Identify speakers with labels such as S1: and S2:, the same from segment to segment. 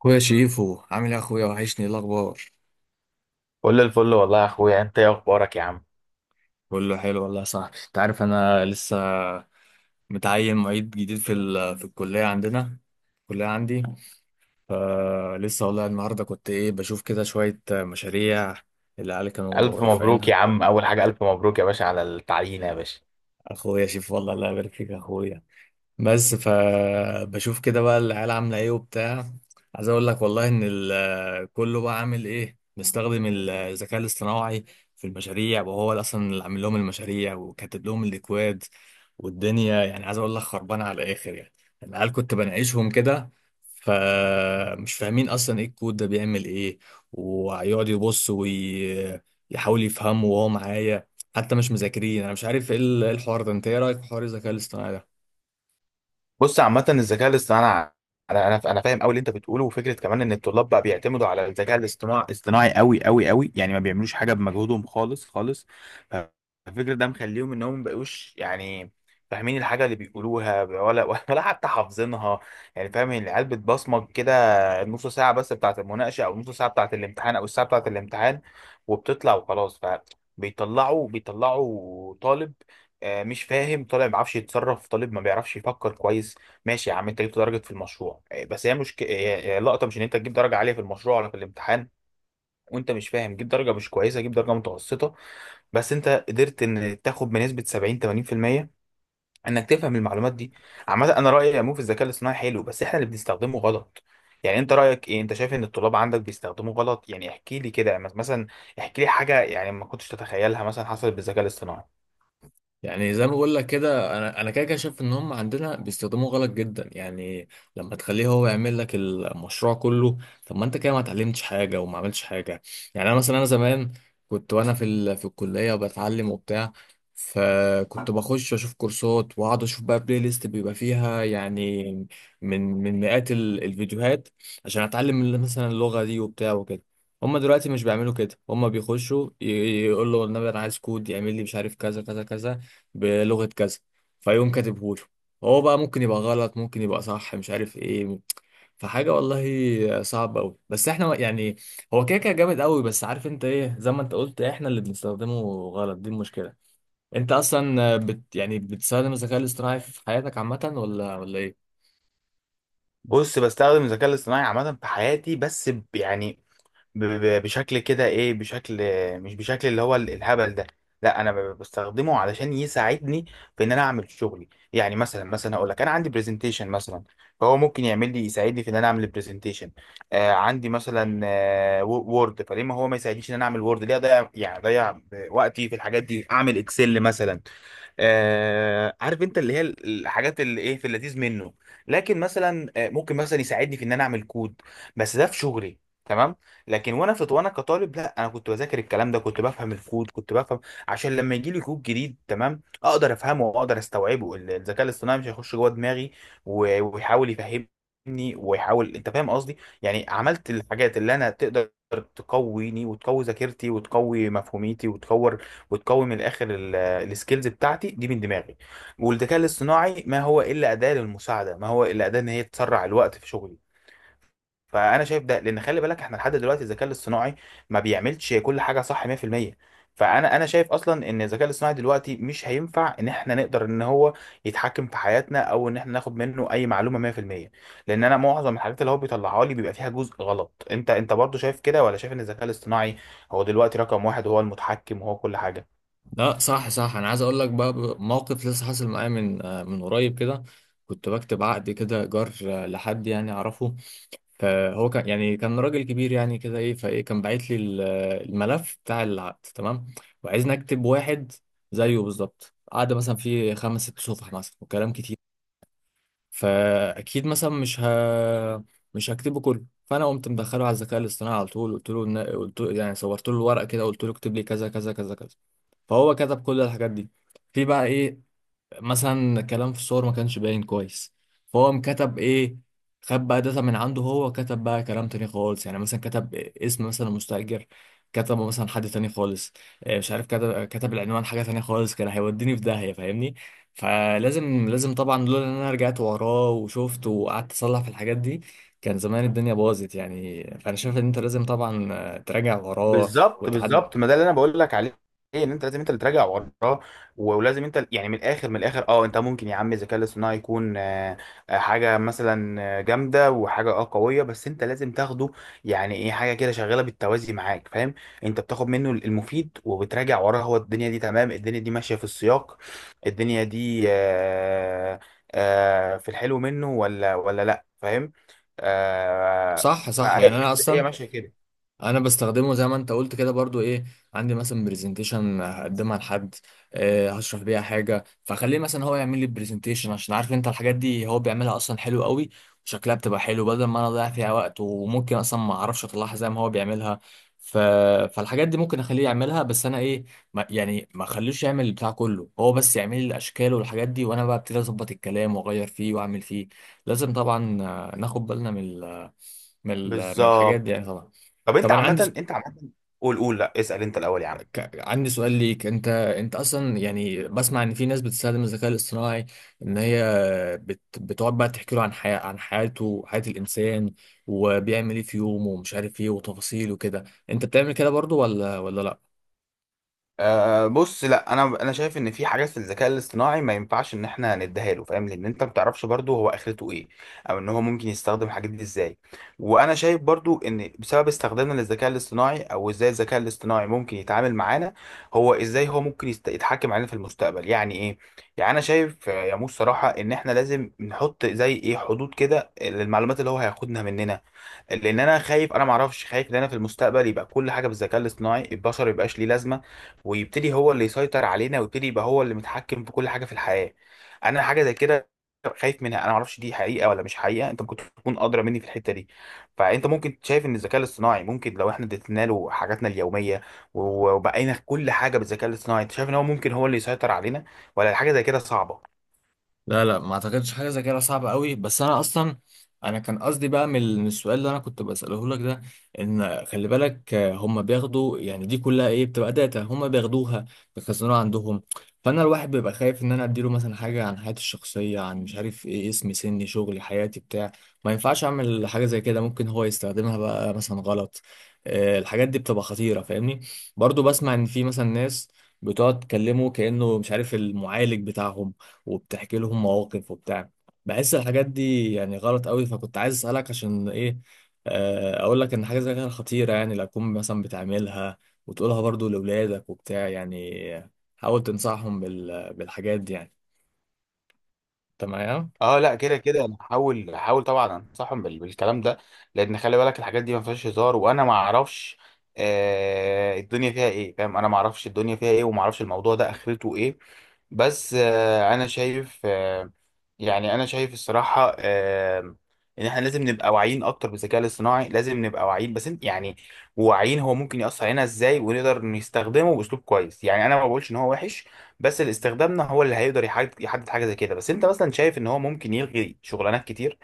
S1: اخويا شيفو، عامل ايه يا اخويا؟ وحشني. إيه الاخبار؟
S2: كل الفل والله يا اخويا، انت ايه اخبارك يا عم؟
S1: كله حلو والله يا صاحبي. انت عارف انا لسه متعين معيد جديد في الكليه عندنا، الكليه عندي. فلسه والله النهارده كنت ايه بشوف كده شويه مشاريع اللي العيال كانوا
S2: الف مبروك يا
S1: رافعينها.
S2: عم، اول حاجه الف مبروك يا باشا على التعيين يا باشا.
S1: اخويا شيفو، والله الله يبارك فيك يا اخويا. بس فبشوف كده بقى العيال عامله ايه وبتاع. عايز اقول لك والله ان كله بقى عامل ايه مستخدم الذكاء الاصطناعي في المشاريع، وهو اللي اصلا عامل لهم المشاريع وكاتب لهم الاكواد. والدنيا يعني عايز اقول لك خربانه على الاخر يعني. العيال كنت بناقشهم كده فمش فاهمين اصلا ايه الكود ده بيعمل ايه، ويقعد يبص ويحاول يفهمه وهو معايا، حتى مش مذاكرين. انا مش عارف ايه إيه الحوار ده. انت ايه رايك في حوار الذكاء الاصطناعي ده؟
S2: بص، عامة الذكاء الاصطناعي انا فاهم قوي اللي انت بتقوله، وفكرة كمان ان الطلاب بقى بيعتمدوا على الذكاء الاصطناعي اصطناعي قوي قوي قوي، يعني ما بيعملوش حاجة بمجهودهم خالص خالص. فالفكرة ده مخليهم انهم ما بقوش يعني فاهمين الحاجة اللي بيقولوها، ولا ولا حتى حافظينها، يعني فاهم؟ يعني العيال بتبصمج كده النص ساعة بس بتاعة المناقشة، او النص ساعة بتاعة الامتحان، او الساعة بتاعة الامتحان، وبتطلع وخلاص. ف بيطلعوا طالب، مش فاهم، طالب ما بيعرفش يتصرف، طالب ما بيعرفش يفكر كويس. ماشي يا عم، انت جبت درجه في المشروع، بس هي مشكله. اللقطه مش ان انت تجيب درجه عاليه في المشروع ولا في الامتحان وانت مش فاهم. جيب درجه مش كويسه، جيب درجه متوسطه، بس انت قدرت ان تاخد بنسبه 70 80% انك تفهم المعلومات دي. عامه انا رايي يا مو في الذكاء الاصطناعي حلو، بس احنا اللي بنستخدمه غلط. يعني انت رايك ايه؟ انت شايف ان الطلاب عندك بيستخدموه غلط؟ يعني احكي لي كده، يعني مثلا احكي لي حاجه يعني ما كنتش تتخيلها مثلا حصلت بالذكاء الاصطناعي.
S1: يعني زي ما بقول لك كده انا كده كده شايف ان هم عندنا بيستخدموه غلط جدا يعني. لما تخليه هو يعمل لك المشروع كله، طب ما انت كده ما اتعلمتش حاجه وما عملتش حاجه. يعني انا مثلا، انا زمان كنت وانا في الكليه وبتعلم وبتاع، فكنت بخش اشوف كورسات واقعد اشوف بقى بلاي ليست بيبقى فيها يعني من مئات الفيديوهات، عشان اتعلم مثلا اللغه دي وبتاع وكده. هما دلوقتي مش بيعملوا كده، هما بيخشوا يقول له النبي انا عايز كود يعمل لي مش عارف كذا كذا كذا بلغة كذا، فيقوم كاتبهوله. هو بقى ممكن يبقى غلط، ممكن يبقى صح، مش عارف ايه. فحاجة والله صعبة أوي، بس احنا يعني هو كده كده جامد أوي. بس عارف انت ايه، زي ما انت قلت احنا اللي بنستخدمه غلط، دي المشكلة. انت اصلا يعني بتستخدم الذكاء الاصطناعي في حياتك عامة ولا ايه؟
S2: بص، بستخدم الذكاء الاصطناعي عامة في حياتي، بس يعني بشكل كده ايه، بشكل، مش بشكل اللي هو الهبل ده. لا، انا بستخدمه علشان يساعدني في ان انا اعمل شغلي. يعني مثلا، مثلا اقول لك، انا عندي برزنتيشن مثلا، فهو ممكن يعمل لي، يساعدني في ان انا اعمل البرزنتيشن. آه، عندي مثلا وورد، فليه ما هو ما يساعدنيش ان انا اعمل وورد؟ ليه اضيع، يعني اضيع وقتي في الحاجات دي؟ اعمل اكسل مثلا. آه، عارف انت اللي هي الحاجات اللي ايه، في اللذيذ منه. لكن مثلا ممكن مثلا يساعدني في ان انا اعمل كود، بس ده في شغلي. تمام. لكن وانا في، وانا كطالب، لا، انا كنت بذاكر الكلام ده، كنت بفهم الكود، كنت بفهم عشان لما يجي لي كود جديد تمام اقدر افهمه واقدر استوعبه. الذكاء الاصطناعي مش هيخش جوه دماغي ويحاول يفهمني، ويحاول، انت فاهم قصدي؟ يعني عملت الحاجات اللي انا تقدر تقويني وتقوي ذاكرتي وتقوي مفهوميتي وتكور وتقوي من الاخر السكيلز بتاعتي دي من دماغي. والذكاء الاصطناعي ما هو الا اداه للمساعده، ما هو الا اداه ان هي تسرع الوقت في شغلي. فانا شايف ده، لان خلي بالك احنا لحد دلوقتي الذكاء الاصطناعي ما بيعملش كل حاجه صح 100%. فانا شايف اصلا ان الذكاء الاصطناعي دلوقتي مش هينفع ان احنا نقدر ان هو يتحكم في حياتنا، او ان احنا ناخد منه اي معلومه 100%. لان انا معظم الحاجات اللي هو بيطلعها لي بيبقى فيها جزء غلط. انت برضو شايف كده، ولا شايف ان الذكاء الاصطناعي هو دلوقتي رقم واحد، هو المتحكم، وهو كل حاجه؟
S1: لا، صح صح، انا عايز اقول لك بقى موقف لسه حاصل معايا من من قريب كده. كنت بكتب عقد كده ايجار لحد يعني اعرفه، فهو كان يعني راجل كبير يعني كده ايه فايه. كان باعت لي الملف بتاع العقد تمام، وعايزني اكتب واحد زيه بالظبط. قعد مثلا فيه 5 6 صفح مثلا وكلام كتير، فاكيد مثلا مش هكتبه كله. فانا قمت مدخله على الذكاء الاصطناعي على طول، قلت له يعني صورت له الورقه كده، قلت له اكتب لي كذا كذا كذا كذا. فهو كتب كل الحاجات دي. في بقى ايه، مثلا كلام في الصور ما كانش باين كويس، فهو مكتب ايه؟ خد بقى داتا من عنده، هو كتب بقى كلام تاني خالص. يعني مثلا كتب اسم مثلا مستأجر كتبه مثلا حد تاني خالص. مش عارف، كتب العنوان حاجة تانية خالص. كان هيوديني في داهية، فاهمني؟ فلازم، لازم طبعا، لولا ان انا رجعت وراه وشفت وقعدت اصلح في الحاجات دي، كان زمان الدنيا باظت يعني. فانا شايف ان انت لازم طبعا تراجع وراه
S2: بالظبط
S1: وتعد.
S2: بالظبط، ما ده اللي انا بقول لك عليه، ان انت لازم انت اللي تراجع وراه، ولازم انت يعني من الاخر من الاخر، اه انت ممكن يا عم الذكاء الاصطناعي يكون حاجه مثلا جامده، وحاجه اه قويه، بس انت لازم تاخده، يعني ايه حاجه كده شغاله بالتوازي معاك، فاهم؟ انت بتاخد منه المفيد، وبتراجع وراه، هو الدنيا دي تمام، الدنيا دي ماشيه في السياق، الدنيا دي في الحلو منه، ولا ولا لا، فاهم؟ آه،
S1: صح، صح. يعني
S2: فهي،
S1: انا
S2: هي
S1: اصلا
S2: ماشيه كده.
S1: انا بستخدمه زي ما انت قلت كده برضو ايه، عندي مثلا برزنتيشن هقدمها لحد، هشرح بيها حاجه، فخليه مثلا هو يعمل لي البرزنتيشن، عشان عارف انت الحاجات دي هو بيعملها اصلا حلو قوي، وشكلها بتبقى حلو، بدل ما انا اضيع فيها وقت وممكن اصلا ما اعرفش اطلعها زي ما هو بيعملها. ف... فالحاجات دي ممكن اخليه يعملها، بس انا ايه، ما يعني ما اخليش يعمل البتاع كله. هو بس يعمل لي الاشكال والحاجات دي، وانا بقى ابتدي اظبط الكلام واغير فيه واعمل فيه. لازم طبعا ناخد بالنا من من الحاجات
S2: بالظبط.
S1: دي يعني طبعا.
S2: طب انت
S1: طب انا عندي
S2: عامة، انت عامة، قول قول، لا اسأل انت الأول يا عم.
S1: عندي سؤال ليك. انت اصلا يعني بسمع ان في ناس بتستخدم الذكاء الاصطناعي، ان هي بتقعد بقى تحكي له عن عن حياته، حياة الانسان، وبيعمل ايه في يومه ومش عارف ايه وتفاصيل وكده. انت بتعمل كده برضو ولا لا؟
S2: أه بص، لا، انا شايف ان في حاجات في الذكاء الاصطناعي ما ينفعش ان احنا نديها له، فاهم؟ لان انت ما بتعرفش برضه هو اخرته ايه، او ان هو ممكن يستخدم الحاجات دي ازاي. وانا شايف برضه ان بسبب استخدامنا للذكاء الاصطناعي، او ازاي الذكاء الاصطناعي ممكن يتعامل معانا، هو ازاي، هو ممكن يتحكم علينا في المستقبل يعني ايه. يعني انا شايف يا موس، صراحة ان احنا لازم نحط زي ايه حدود كده للمعلومات اللي هو هياخدها مننا. لان انا خايف، انا ما اعرفش، خايف ان انا في المستقبل يبقى كل حاجه بالذكاء الاصطناعي، البشر يبقاش ليه لازمه، ويبتدي هو اللي يسيطر علينا، ويبتدي يبقى هو اللي متحكم في كل حاجه في الحياه. انا حاجه زي كده خايف منها، انا ما اعرفش دي حقيقه ولا مش حقيقه. انت ممكن تكون ادرى مني في الحته دي. فانت ممكن شايف ان الذكاء الاصطناعي، ممكن لو احنا ادينا له حاجاتنا اليوميه وبقينا كل حاجه بالذكاء الاصطناعي، انت شايف ان هو ممكن هو اللي يسيطر علينا، ولا الحاجه زي كده صعبه؟
S1: لا، لا، ما اعتقدش حاجه زي كده صعبه قوي. بس انا اصلا انا كان قصدي بقى من من السؤال اللي انا كنت بساله لك ده، ان خلي بالك هم بياخدوا يعني دي كلها ايه، بتبقى داتا هم بياخدوها بيخزنوها عندهم. فانا الواحد بيبقى خايف ان انا اديله مثلا حاجه عن حياتي الشخصيه، عن مش عارف ايه، اسمي سني شغلي حياتي بتاع. ما ينفعش اعمل حاجه زي كده، ممكن هو يستخدمها بقى مثلا غلط. الحاجات دي بتبقى خطيره، فاهمني؟ برضو بسمع ان في مثلا ناس بتقعد تكلمه كانه مش عارف المعالج بتاعهم، وبتحكي لهم مواقف وبتاع. بحس الحاجات دي يعني غلط قوي، فكنت عايز اسالك عشان ايه. اقول لك ان حاجه زي كده خطيره يعني. لو تكون مثلا بتعملها وتقولها برضو لاولادك وبتاع يعني، حاول تنصحهم بالحاجات دي يعني. انت معايا؟
S2: اه لا، كده كده انا هحاول طبعا انصحهم بالكلام ده، لان خلي بالك الحاجات دي ما فيهاش هزار، وانا ما اعرفش الدنيا فيها ايه، فاهم؟ انا ما اعرفش الدنيا فيها ايه، وما اعرفش الموضوع ده اخرته ايه. بس انا شايف يعني انا شايف الصراحه ان احنا لازم نبقى واعيين اكتر بالذكاء الاصطناعي، لازم نبقى واعيين، بس انت يعني واعيين هو ممكن ياثر علينا ازاي، ونقدر نستخدمه باسلوب كويس. يعني انا ما بقولش ان هو وحش، بس اللي استخدامنا هو اللي هيقدر يحدد حاجه زي كده. بس انت مثلا شايف ان هو ممكن يلغي شغلانات كتير،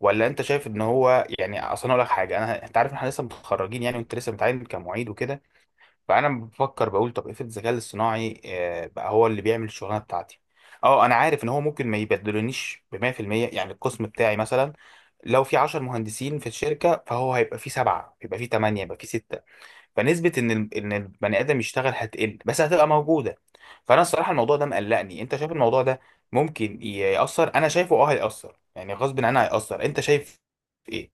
S2: ولا انت شايف ان هو يعني اصلا؟ اقول لك حاجه، انت عارف إن احنا لسه متخرجين يعني، وانت لسه بتعين كمعيد وكده، فانا بفكر بقول، طب افرض الذكاء الاصطناعي بقى هو اللي بيعمل الشغلانه بتاعتي. اه انا عارف ان هو ممكن ما يبدلونيش ب 100%. يعني القسم بتاعي مثلا، لو في 10 مهندسين في الشركه، فهو هيبقى في سبعه، يبقى في ثمانيه، يبقى في سته. فنسبه ان ان البني ادم يشتغل هتقل، بس هتبقى موجوده. فانا الصراحه الموضوع ده مقلقني. انت شايف الموضوع ده ممكن ياثر؟ انا شايفه اه هياثر، يعني غصب عننا هياثر. انت شايف ايه؟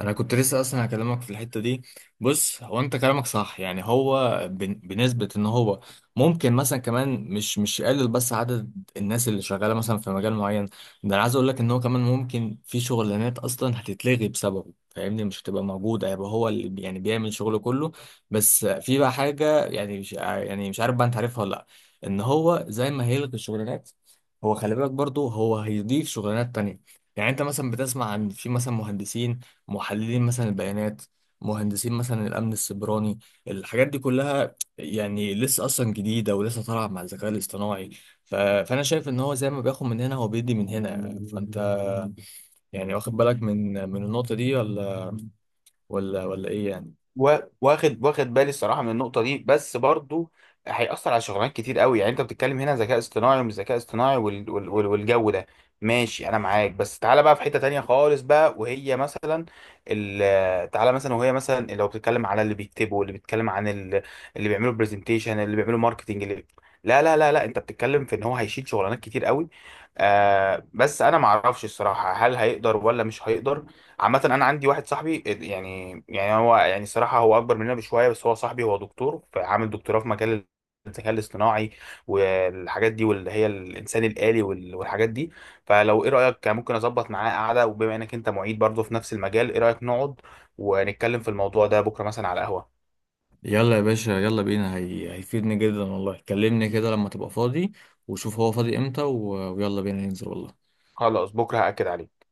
S1: انا كنت لسه اصلا هكلمك في الحته دي. بص هو انت كلامك صح. يعني هو بنسبه ان هو ممكن مثلا كمان مش يقلل بس عدد الناس اللي شغاله مثلا في مجال معين. ده انا عايز اقول لك ان هو كمان ممكن في شغلانات اصلا هتتلغي بسببه، فاهمني؟ مش هتبقى موجوده، هيبقى هو يعني بيعمل شغله كله. بس في بقى حاجه يعني مش عارف بقى، انت عارفها ولا لا؟ ان هو زي ما هيلغي الشغلانات، هو خلي بالك برضه هو هيضيف شغلانات تانية. يعني انت مثلا بتسمع عن في مثلا مهندسين، محللين مثلا البيانات، مهندسين مثلا الامن السيبراني. الحاجات دي كلها يعني لسه اصلا جديده ولسه طالعه مع الذكاء الاصطناعي. فانا شايف ان هو زي ما بياخد من هنا هو بيدي من هنا يعني. فانت يعني واخد بالك من النقطه دي ولا ايه يعني؟
S2: واخد بالي الصراحه من النقطه دي، بس برضو هيأثر على شغلانات كتير قوي. يعني انت بتتكلم هنا ذكاء اصطناعي ومش ذكاء اصطناعي والجو ده، ماشي، انا معاك. بس تعالى بقى في حته تانية خالص بقى، وهي مثلا تعالى مثلا، وهي مثلا لو بتتكلم على اللي بيكتبوا، اللي بيتكلم عن اللي بيعملوا برزنتيشن، اللي بيعملوا ماركتنج، اللي لا لا لا لا، انت بتتكلم في ان هو هيشيل شغلانات كتير قوي. بس انا ما اعرفش الصراحه هل هيقدر ولا مش هيقدر. عامة، أنا عندي واحد صاحبي، هو يعني الصراحة هو أكبر مننا بشوية، بس هو صاحبي، هو دكتور، فعامل دكتوراه في مجال الذكاء الاصطناعي والحاجات دي، واللي هي الإنسان الآلي والحاجات دي. فلو، إيه رأيك ممكن أظبط معاه قعدة، وبما إنك أنت معيد برضه في نفس المجال، إيه رأيك نقعد ونتكلم في الموضوع ده بكرة مثلا على القهوة؟
S1: يلا يا باشا، يلا بينا. هيفيدني جدا والله. كلمني كده لما تبقى فاضي، وشوف هو فاضي امتى، ويلا بينا ننزل والله.
S2: خلاص، بكرة هأكد عليك.